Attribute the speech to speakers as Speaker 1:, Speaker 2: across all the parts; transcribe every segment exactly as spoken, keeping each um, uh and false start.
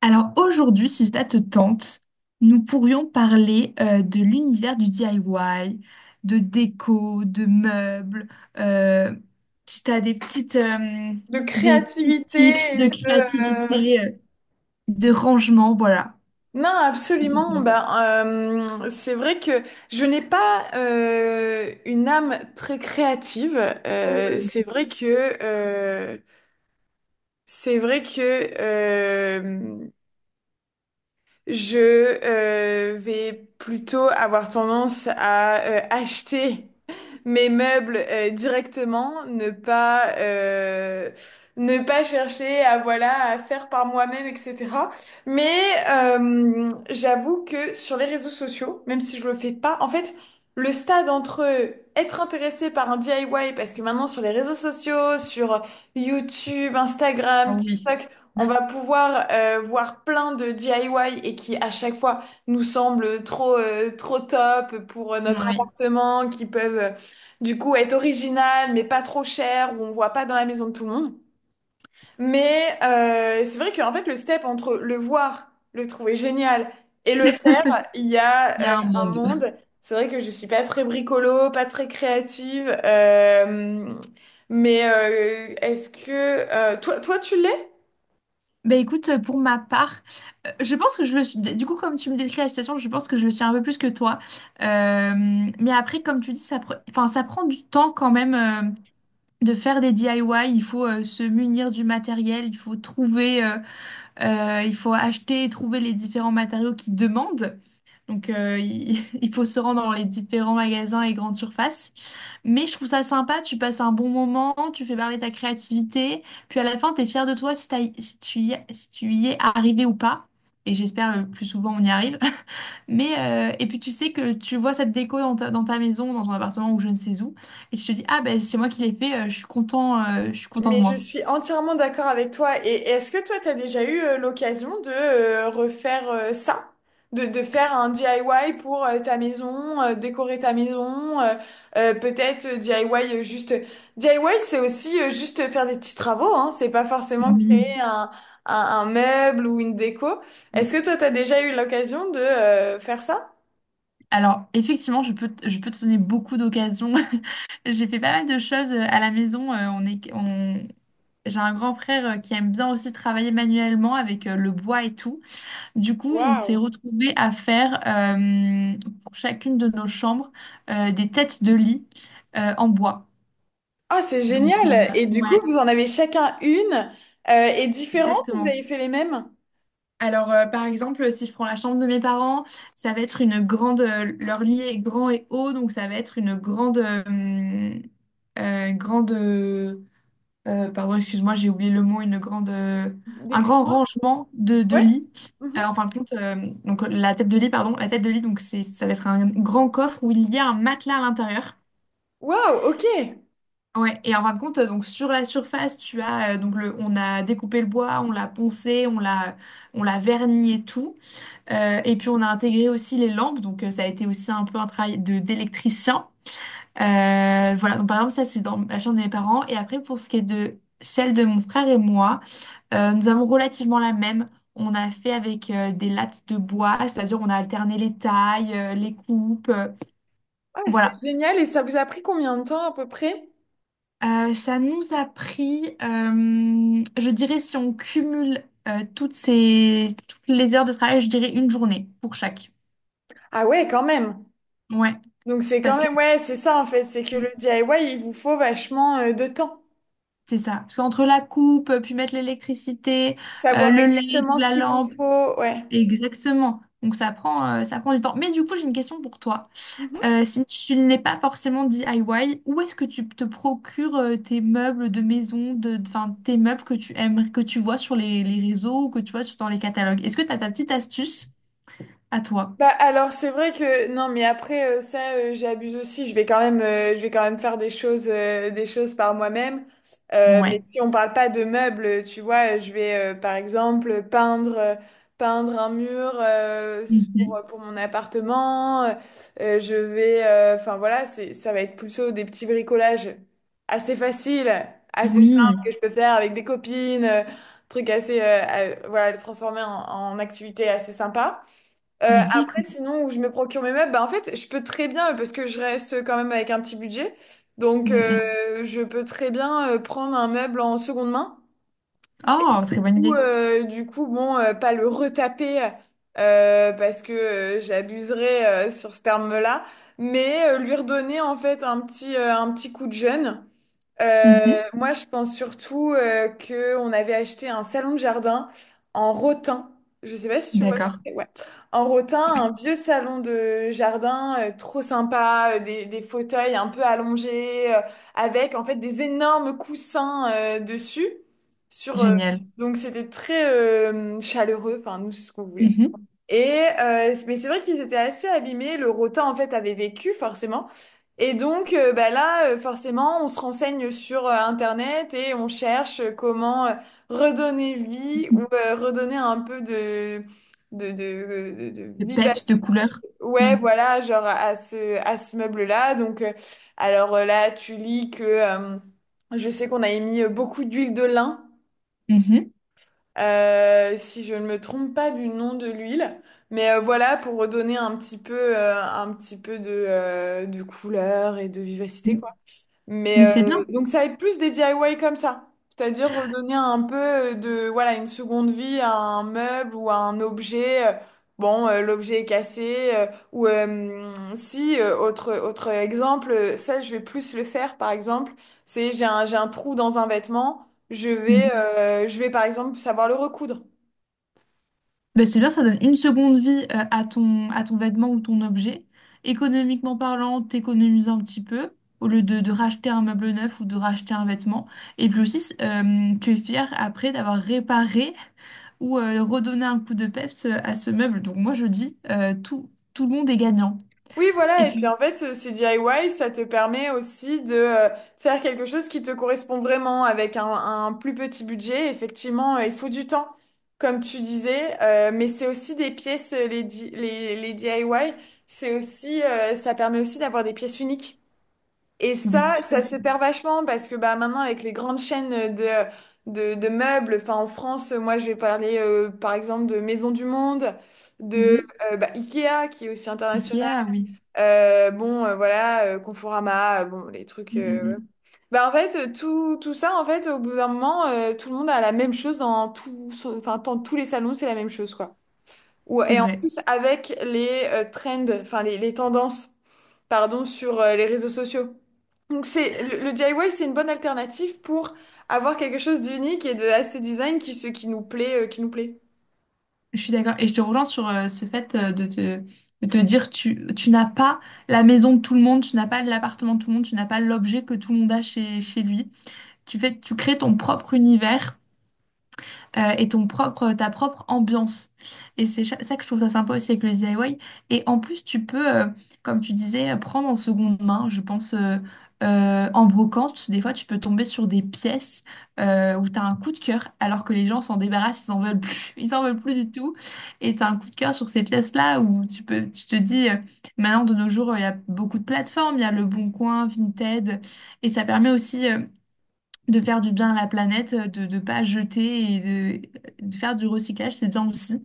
Speaker 1: Alors aujourd'hui, si ça te tente, nous pourrions parler euh, de l'univers du D I Y, de déco, de meubles. euh, Si tu as des petites, euh,
Speaker 2: De
Speaker 1: des petits
Speaker 2: créativité
Speaker 1: tips
Speaker 2: et
Speaker 1: de
Speaker 2: de... euh,
Speaker 1: créativité, euh, de rangement, voilà,
Speaker 2: Non,
Speaker 1: si ça te
Speaker 2: absolument.
Speaker 1: tente.
Speaker 2: Ben, euh, c'est vrai que je n'ai pas euh, une âme très créative. Euh, c'est vrai que euh, c'est vrai que euh, Je euh, vais plutôt avoir tendance à euh, acheter mes meubles euh, directement, ne pas euh, ne pas chercher à voilà à faire par moi-même, et cetera. Mais euh, j'avoue que sur les réseaux sociaux, même si je le fais pas, en fait, le stade entre être intéressé par un D I Y, parce que maintenant sur les réseaux sociaux, sur YouTube,
Speaker 1: Ah
Speaker 2: Instagram,
Speaker 1: oui,
Speaker 2: TikTok, on va pouvoir euh, voir plein de D I Y et qui à chaque fois nous semblent trop euh, trop top pour euh, notre
Speaker 1: oui,
Speaker 2: appartement, qui peuvent euh, du coup être originales mais pas trop chères, où on voit pas dans la maison de tout le monde. Mais euh, c'est vrai qu'en fait le step entre le voir, le trouver génial et le faire, il y a
Speaker 1: il y
Speaker 2: euh,
Speaker 1: a un
Speaker 2: un
Speaker 1: monde.
Speaker 2: monde. C'est vrai que je suis pas très bricolo, pas très créative, euh, mais euh, est-ce que euh, toi toi tu l'es?
Speaker 1: Ben écoute, euh, pour ma part, euh, je pense que je le suis. Du coup, comme tu me décris la situation, je pense que je le suis un peu plus que toi. Euh, mais après, comme tu dis, ça, pre- enfin, ça prend du temps quand même. euh, De faire des D I Y, il faut euh, se munir du matériel, il faut trouver, euh, euh, il faut acheter et trouver les différents matériaux qu'ils demandent. Donc, euh, il, il faut se rendre dans les différents magasins et grandes surfaces. Mais je trouve ça sympa, tu passes un bon moment, tu fais parler ta créativité, puis à la fin, tu es fier de toi si, t'as- si tu y, si tu y es arrivé ou pas. Et j'espère le plus souvent on y arrive. Mais euh, et puis tu sais que tu vois cette déco dans ta, dans ta maison, dans ton appartement ou je ne sais où, et tu te dis, ah ben c'est moi qui l'ai fait, euh, je suis content, euh, je suis content de
Speaker 2: Mais je
Speaker 1: moi.
Speaker 2: suis entièrement d'accord avec toi. Et et est-ce que toi, tu as déjà eu euh, l'occasion de euh, refaire euh, ça? De, de faire un D I Y pour euh, ta maison, euh, décorer ta maison, euh, euh, peut-être euh, D I Y euh, juste... D I Y, c'est aussi euh, juste faire des petits travaux, hein. C'est pas forcément
Speaker 1: Oui.
Speaker 2: créer un, un, un meuble ou une déco. Est-ce que toi, tu as déjà eu l'occasion de euh, faire ça?
Speaker 1: Alors effectivement, je peux, te- je peux te donner beaucoup d'occasions. J'ai fait pas mal de choses euh, à la maison. euh, on est, on... J'ai un grand frère euh, qui aime bien aussi travailler manuellement avec euh, le bois et tout. Du coup, on s'est
Speaker 2: Waouh!
Speaker 1: retrouvés à faire euh, pour chacune de nos chambres euh, des têtes de lit euh, en bois.
Speaker 2: Ah, c'est
Speaker 1: Donc, euh,
Speaker 2: génial! Et du
Speaker 1: ouais.
Speaker 2: coup, vous en avez chacun une euh, et différente, ou vous avez
Speaker 1: Exactement.
Speaker 2: fait les mêmes?
Speaker 1: Alors, euh, par exemple, si je prends la chambre de mes parents, ça va être une grande. Euh, leur lit est grand et haut, donc ça va être une grande. euh, euh, grande. euh, euh, Pardon, excuse-moi, j'ai oublié le mot. Une grande. Euh, un grand
Speaker 2: Décris-moi.
Speaker 1: rangement de, de
Speaker 2: Ouais.
Speaker 1: lits. Euh,
Speaker 2: Mhm.
Speaker 1: en fin de compte, euh, donc la tête de lit, pardon, la tête de lit, donc c'est, ça va être un grand coffre où il y a un matelas à l'intérieur.
Speaker 2: Waouh, ok.
Speaker 1: Ouais, et en fin de compte, euh, donc sur la surface, tu as euh, donc le, on a découpé le bois, on l'a poncé, on l'a, on l'a verni et tout. Euh, et puis on a intégré aussi les lampes, donc euh, ça a été aussi un peu un travail de d'électricien. Euh, voilà, donc par exemple ça c'est dans la chambre de mes parents. Et après pour ce qui est de celle de mon frère et moi, euh, nous avons relativement la même. On a fait avec euh, des lattes de bois, c'est-à-dire on a alterné les tailles, euh, les coupes, euh,
Speaker 2: Ah, c'est
Speaker 1: voilà.
Speaker 2: génial. Et ça vous a pris combien de temps à peu près?
Speaker 1: Euh, ça nous a pris, euh, je dirais si on cumule euh, toutes ces, toutes les heures de travail, je dirais une journée pour chaque.
Speaker 2: Ah ouais, quand même.
Speaker 1: Ouais,
Speaker 2: Donc c'est quand
Speaker 1: parce que
Speaker 2: même, ouais, c'est ça en fait, c'est que le D I Y, il vous faut vachement euh, de temps.
Speaker 1: C'est ça. Parce qu'entre la coupe, euh, puis mettre l'électricité, euh,
Speaker 2: Savoir
Speaker 1: le L E D,
Speaker 2: exactement ce
Speaker 1: la
Speaker 2: qu'il vous
Speaker 1: lampe,
Speaker 2: faut, ouais.
Speaker 1: exactement. Donc ça prend, euh, ça prend du temps. Mais du coup, j'ai une question pour toi. Euh, si tu n'es pas forcément D I Y, où est-ce que tu te procures euh, tes meubles de maison, de, enfin, tes meubles que tu aimes, que tu vois sur les, les réseaux ou que tu vois sur, dans les catalogues? Est-ce que tu as ta petite astuce à toi?
Speaker 2: Bah alors c'est vrai que non, mais après euh, ça euh, j'abuse aussi, je vais quand même euh, je vais quand même faire des choses euh, des choses par moi-même. Euh, mais
Speaker 1: Ouais.
Speaker 2: si on parle pas de meubles, tu vois, je vais euh, par exemple peindre euh, peindre un mur euh, pour, euh,
Speaker 1: Mhm.
Speaker 2: pour mon appartement. Euh, je vais euh, enfin voilà c'est ça va être plutôt des petits bricolages assez faciles, assez simples,
Speaker 1: Oui,
Speaker 2: que je peux faire avec des copines, euh, trucs assez euh, euh, voilà les transformer en, en activité assez sympa, euh,
Speaker 1: ludique.
Speaker 2: après, sinon, où je me procure mes meubles, bah, en fait, je peux très bien, euh, parce que je reste quand même avec un petit budget, donc
Speaker 1: Mhm.
Speaker 2: euh, je peux très bien euh, prendre un meuble en seconde main,
Speaker 1: Oh, très bonne
Speaker 2: ou
Speaker 1: idée.
Speaker 2: euh, du coup, bon, euh, pas le retaper, euh, parce que euh, j'abuserais euh, sur ce terme-là, mais euh, lui redonner en fait un petit, euh, un petit coup de jeune. Euh,
Speaker 1: Mhm.
Speaker 2: moi, je pense surtout euh, que on avait acheté un salon de jardin en rotin. Je sais pas si tu vois ce que
Speaker 1: D'accord.
Speaker 2: c'est. Ouais. En rotin, un vieux salon de jardin euh, trop sympa, euh, des, des fauteuils un peu allongés, euh, avec en fait des énormes coussins euh, dessus. Sur, euh,
Speaker 1: Génial.
Speaker 2: donc c'était très euh, chaleureux. Enfin, nous, c'est ce qu'on voulait.
Speaker 1: Mhm.
Speaker 2: Et euh, mais c'est vrai qu'ils étaient assez abîmés. Le rotin en fait avait vécu forcément. Et donc euh, bah là euh, forcément on se renseigne sur euh, Internet et on cherche euh, comment euh, redonner vie ou euh, redonner un peu de de, de, de, de
Speaker 1: De peps, de
Speaker 2: vivacité.
Speaker 1: couleur.
Speaker 2: Ouais
Speaker 1: Mm.
Speaker 2: voilà, genre, à ce à ce meuble-là. Donc euh, alors euh, là tu lis que euh, je sais qu'on avait mis euh, beaucoup d'huile de lin
Speaker 1: Mhm.
Speaker 2: euh, si je ne me trompe pas du nom de l'huile. Mais euh, voilà, pour redonner un petit peu, euh, un petit peu de, euh, de couleur et de vivacité,
Speaker 1: Mm.
Speaker 2: quoi. Mais
Speaker 1: Mais c'est
Speaker 2: euh,
Speaker 1: bien.
Speaker 2: donc ça va être plus des D I Y comme ça, c'est-à-dire redonner un peu de voilà une seconde vie à un meuble ou à un objet. euh, Bon, euh, l'objet est cassé, euh, ou euh, si euh, autre autre exemple, euh, ça je vais plus le faire par exemple, c'est j'ai un j'ai un trou dans un vêtement, je vais
Speaker 1: Mhm.
Speaker 2: euh, je vais par exemple savoir le recoudre.
Speaker 1: Ben, c'est bien, ça donne une seconde vie euh, à ton, à ton vêtement ou ton objet. Économiquement parlant, t'économises un petit peu au lieu de, de racheter un meuble neuf ou de racheter un vêtement. Et puis aussi, euh, tu es fier après d'avoir réparé ou euh, redonné un coup de peps euh, à ce meuble. Donc moi, je dis, euh, tout, tout le monde est gagnant.
Speaker 2: Oui, voilà.
Speaker 1: Et
Speaker 2: Et puis
Speaker 1: puis,
Speaker 2: en fait, euh, ces D I Y, ça te permet aussi de euh, faire quelque chose qui te correspond vraiment avec un, un plus petit budget. Effectivement, euh, il faut du temps, comme tu disais. Euh, mais c'est aussi des pièces, euh, les, di- les, les D I Y, c'est aussi, euh, ça permet aussi d'avoir des pièces uniques. Et
Speaker 1: oui,
Speaker 2: ça,
Speaker 1: tout
Speaker 2: ça
Speaker 1: à
Speaker 2: se
Speaker 1: fait.
Speaker 2: perd vachement parce que bah, maintenant, avec les grandes chaînes euh, de, de, de meubles, enfin en France, moi, je vais parler euh, par exemple de Maison du Monde, de
Speaker 1: Mhm.
Speaker 2: euh, bah, Ikea, qui est aussi international,
Speaker 1: Ikea, oui.
Speaker 2: euh, bon, euh, voilà, euh, Conforama, euh, bon, les trucs.
Speaker 1: Mm,
Speaker 2: euh,
Speaker 1: mm, mm.
Speaker 2: Bah, en fait, euh, tout, tout ça, en fait, au bout d'un moment, euh, tout le monde a la même chose dans tout, son- enfin, dans tous les salons, c'est la même chose, quoi. Ou,
Speaker 1: C'est
Speaker 2: et en
Speaker 1: vrai.
Speaker 2: plus, avec les euh, trends, enfin, les, les tendances, pardon, sur euh, les réseaux sociaux. Donc, c'est, le, le D I Y, c'est une bonne alternative pour avoir quelque chose d'unique et de assez design qui, se- qui nous plaît, euh, qui nous plaît.
Speaker 1: Je suis d'accord. Et je te rejoins sur euh, ce fait euh, de te, de te dire tu, tu n'as pas la maison de tout le monde, tu n'as pas l'appartement de tout le monde, tu n'as pas l'objet que tout le monde a chez, chez lui. Tu fais, tu crées ton propre univers euh, et ton propre, ta propre ambiance. Et c'est cha- ça que je trouve ça sympa aussi avec le D I Y. Et en plus, tu peux, euh, comme tu disais, euh, prendre en seconde main, je pense, euh, euh, en brocante. Des fois, tu peux tomber sur des pièces euh, où tu as un coup de cœur, alors que les gens s'en débarrassent, ils n'en veulent plus, ils en veulent plus du tout. Et tu as un coup de cœur sur ces pièces-là où tu peux, tu te dis, euh, maintenant, de nos jours, il y a beaucoup de plateformes, il y a Le Bon Coin, Vinted, et ça permet aussi. Euh, de faire du bien à la planète, euh, de ne pas jeter et de, de faire du recyclage, c'est bien aussi.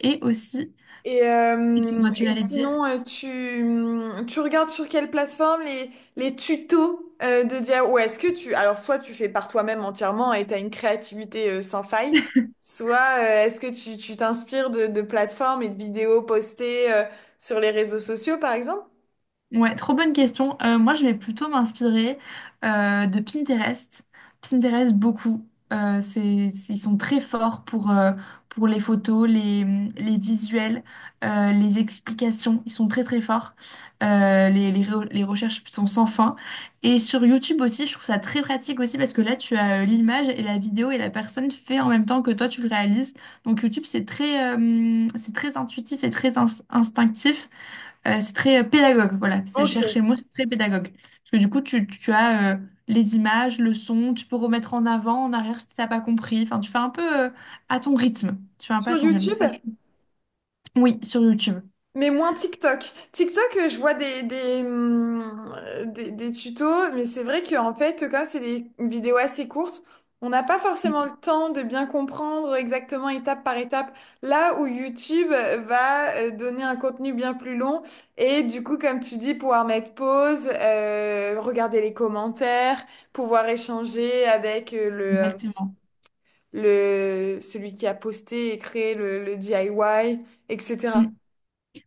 Speaker 1: Et aussi,
Speaker 2: Et, euh,
Speaker 1: excuse-moi, tu
Speaker 2: et
Speaker 1: l'allais dire.
Speaker 2: sinon, euh, tu, mm, tu regardes sur quelle plateforme les, les tutos euh, de dire ou est-ce que tu... Alors, soit tu fais par toi-même entièrement et tu as une créativité euh, sans faille, soit euh, est-ce que tu, tu t'inspires de, de plateformes et de vidéos postées euh, sur les réseaux sociaux, par exemple?
Speaker 1: Ouais, trop bonne question. Euh, moi, je vais plutôt m'inspirer euh, de Pinterest. Pinterest, beaucoup. Euh, c'est, c'est- ils sont très forts pour, euh, pour les photos, les, les visuels, euh, les explications. Ils sont très, très forts. Euh, les, les, re- les recherches sont sans fin. Et sur YouTube aussi, je trouve ça très pratique aussi parce que là, tu as euh, l'image et la vidéo et la personne fait en même temps que toi, tu le réalises. Donc, YouTube, c'est très, euh, c'est très intuitif et très ins- instinctif. Euh, c'est très euh, pédagogue, voilà. C'est
Speaker 2: Ok.
Speaker 1: chercher le mot, c'est très pédagogue. Parce que du coup, tu, tu as euh, les images, le son, tu peux remettre en avant, en arrière si t'as pas compris. Enfin, tu fais un peu euh, à ton rythme. Tu fais un peu
Speaker 2: Sur
Speaker 1: à ton rythme. Ça,
Speaker 2: YouTube?
Speaker 1: je- Oui, sur YouTube.
Speaker 2: Mais moins TikTok. TikTok, euh, je vois des, des, hum, euh, des, des tutos, mais c'est vrai qu'en fait, comme c'est des vidéos assez courtes, on n'a pas
Speaker 1: Mm,
Speaker 2: forcément le temps de bien comprendre exactement étape par étape, là où YouTube euh, va euh, donner un contenu bien plus long, et du coup, comme tu dis, pouvoir mettre pause, euh, regarder les commentaires, pouvoir échanger avec euh,
Speaker 1: exactement.
Speaker 2: le, le, celui qui a posté et créé le, le D I Y,
Speaker 1: Mm.
Speaker 2: et cetera.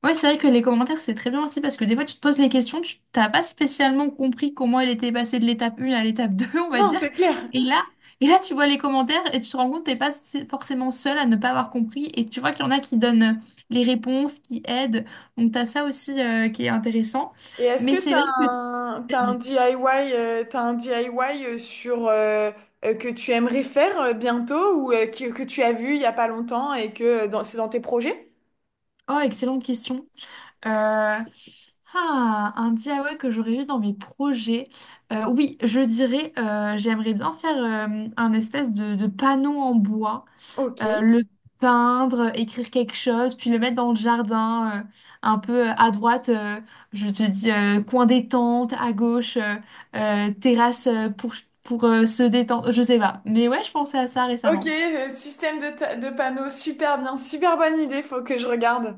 Speaker 1: Ouais, c'est vrai que les commentaires, c'est très bien aussi parce que des fois, tu te poses les questions, tu t'as pas spécialement compris comment elle était passée de l'étape un à l'étape deux, on va
Speaker 2: Non,
Speaker 1: dire.
Speaker 2: c'est clair.
Speaker 1: Et là, et là, tu vois les commentaires et tu te rends compte que t'es pas s- forcément seule à ne pas avoir compris. Et tu vois qu'il y en a qui donnent euh, les réponses, qui aident. Donc, t'as ça aussi euh, qui est intéressant.
Speaker 2: Et est-ce
Speaker 1: Mais
Speaker 2: que
Speaker 1: c'est
Speaker 2: t'as
Speaker 1: vrai que...
Speaker 2: un, t'as un
Speaker 1: Vas-y.
Speaker 2: D I Y, euh, t'as un D I Y euh, sur, euh, euh, que tu aimerais faire euh, bientôt, ou euh, que, que tu as vu il y a pas longtemps et que euh, dans- c'est dans tes projets?
Speaker 1: Oh, excellente question. Euh, Ah, un D I Y que j'aurais eu dans mes projets. Euh, oui, je dirais, euh, j'aimerais bien faire euh, un espèce de, de panneau en bois. Euh,
Speaker 2: Ok.
Speaker 1: le peindre, écrire quelque chose, puis le mettre dans le jardin, euh, un peu euh, à droite, euh, je te dis euh, coin détente, à gauche, euh, euh, terrasse euh, pour, pour euh, se détendre, je sais pas. Mais ouais, je pensais à ça
Speaker 2: Ok,
Speaker 1: récemment.
Speaker 2: euh, système de, ta- de panneaux, super bien, super bonne idée, faut que je regarde.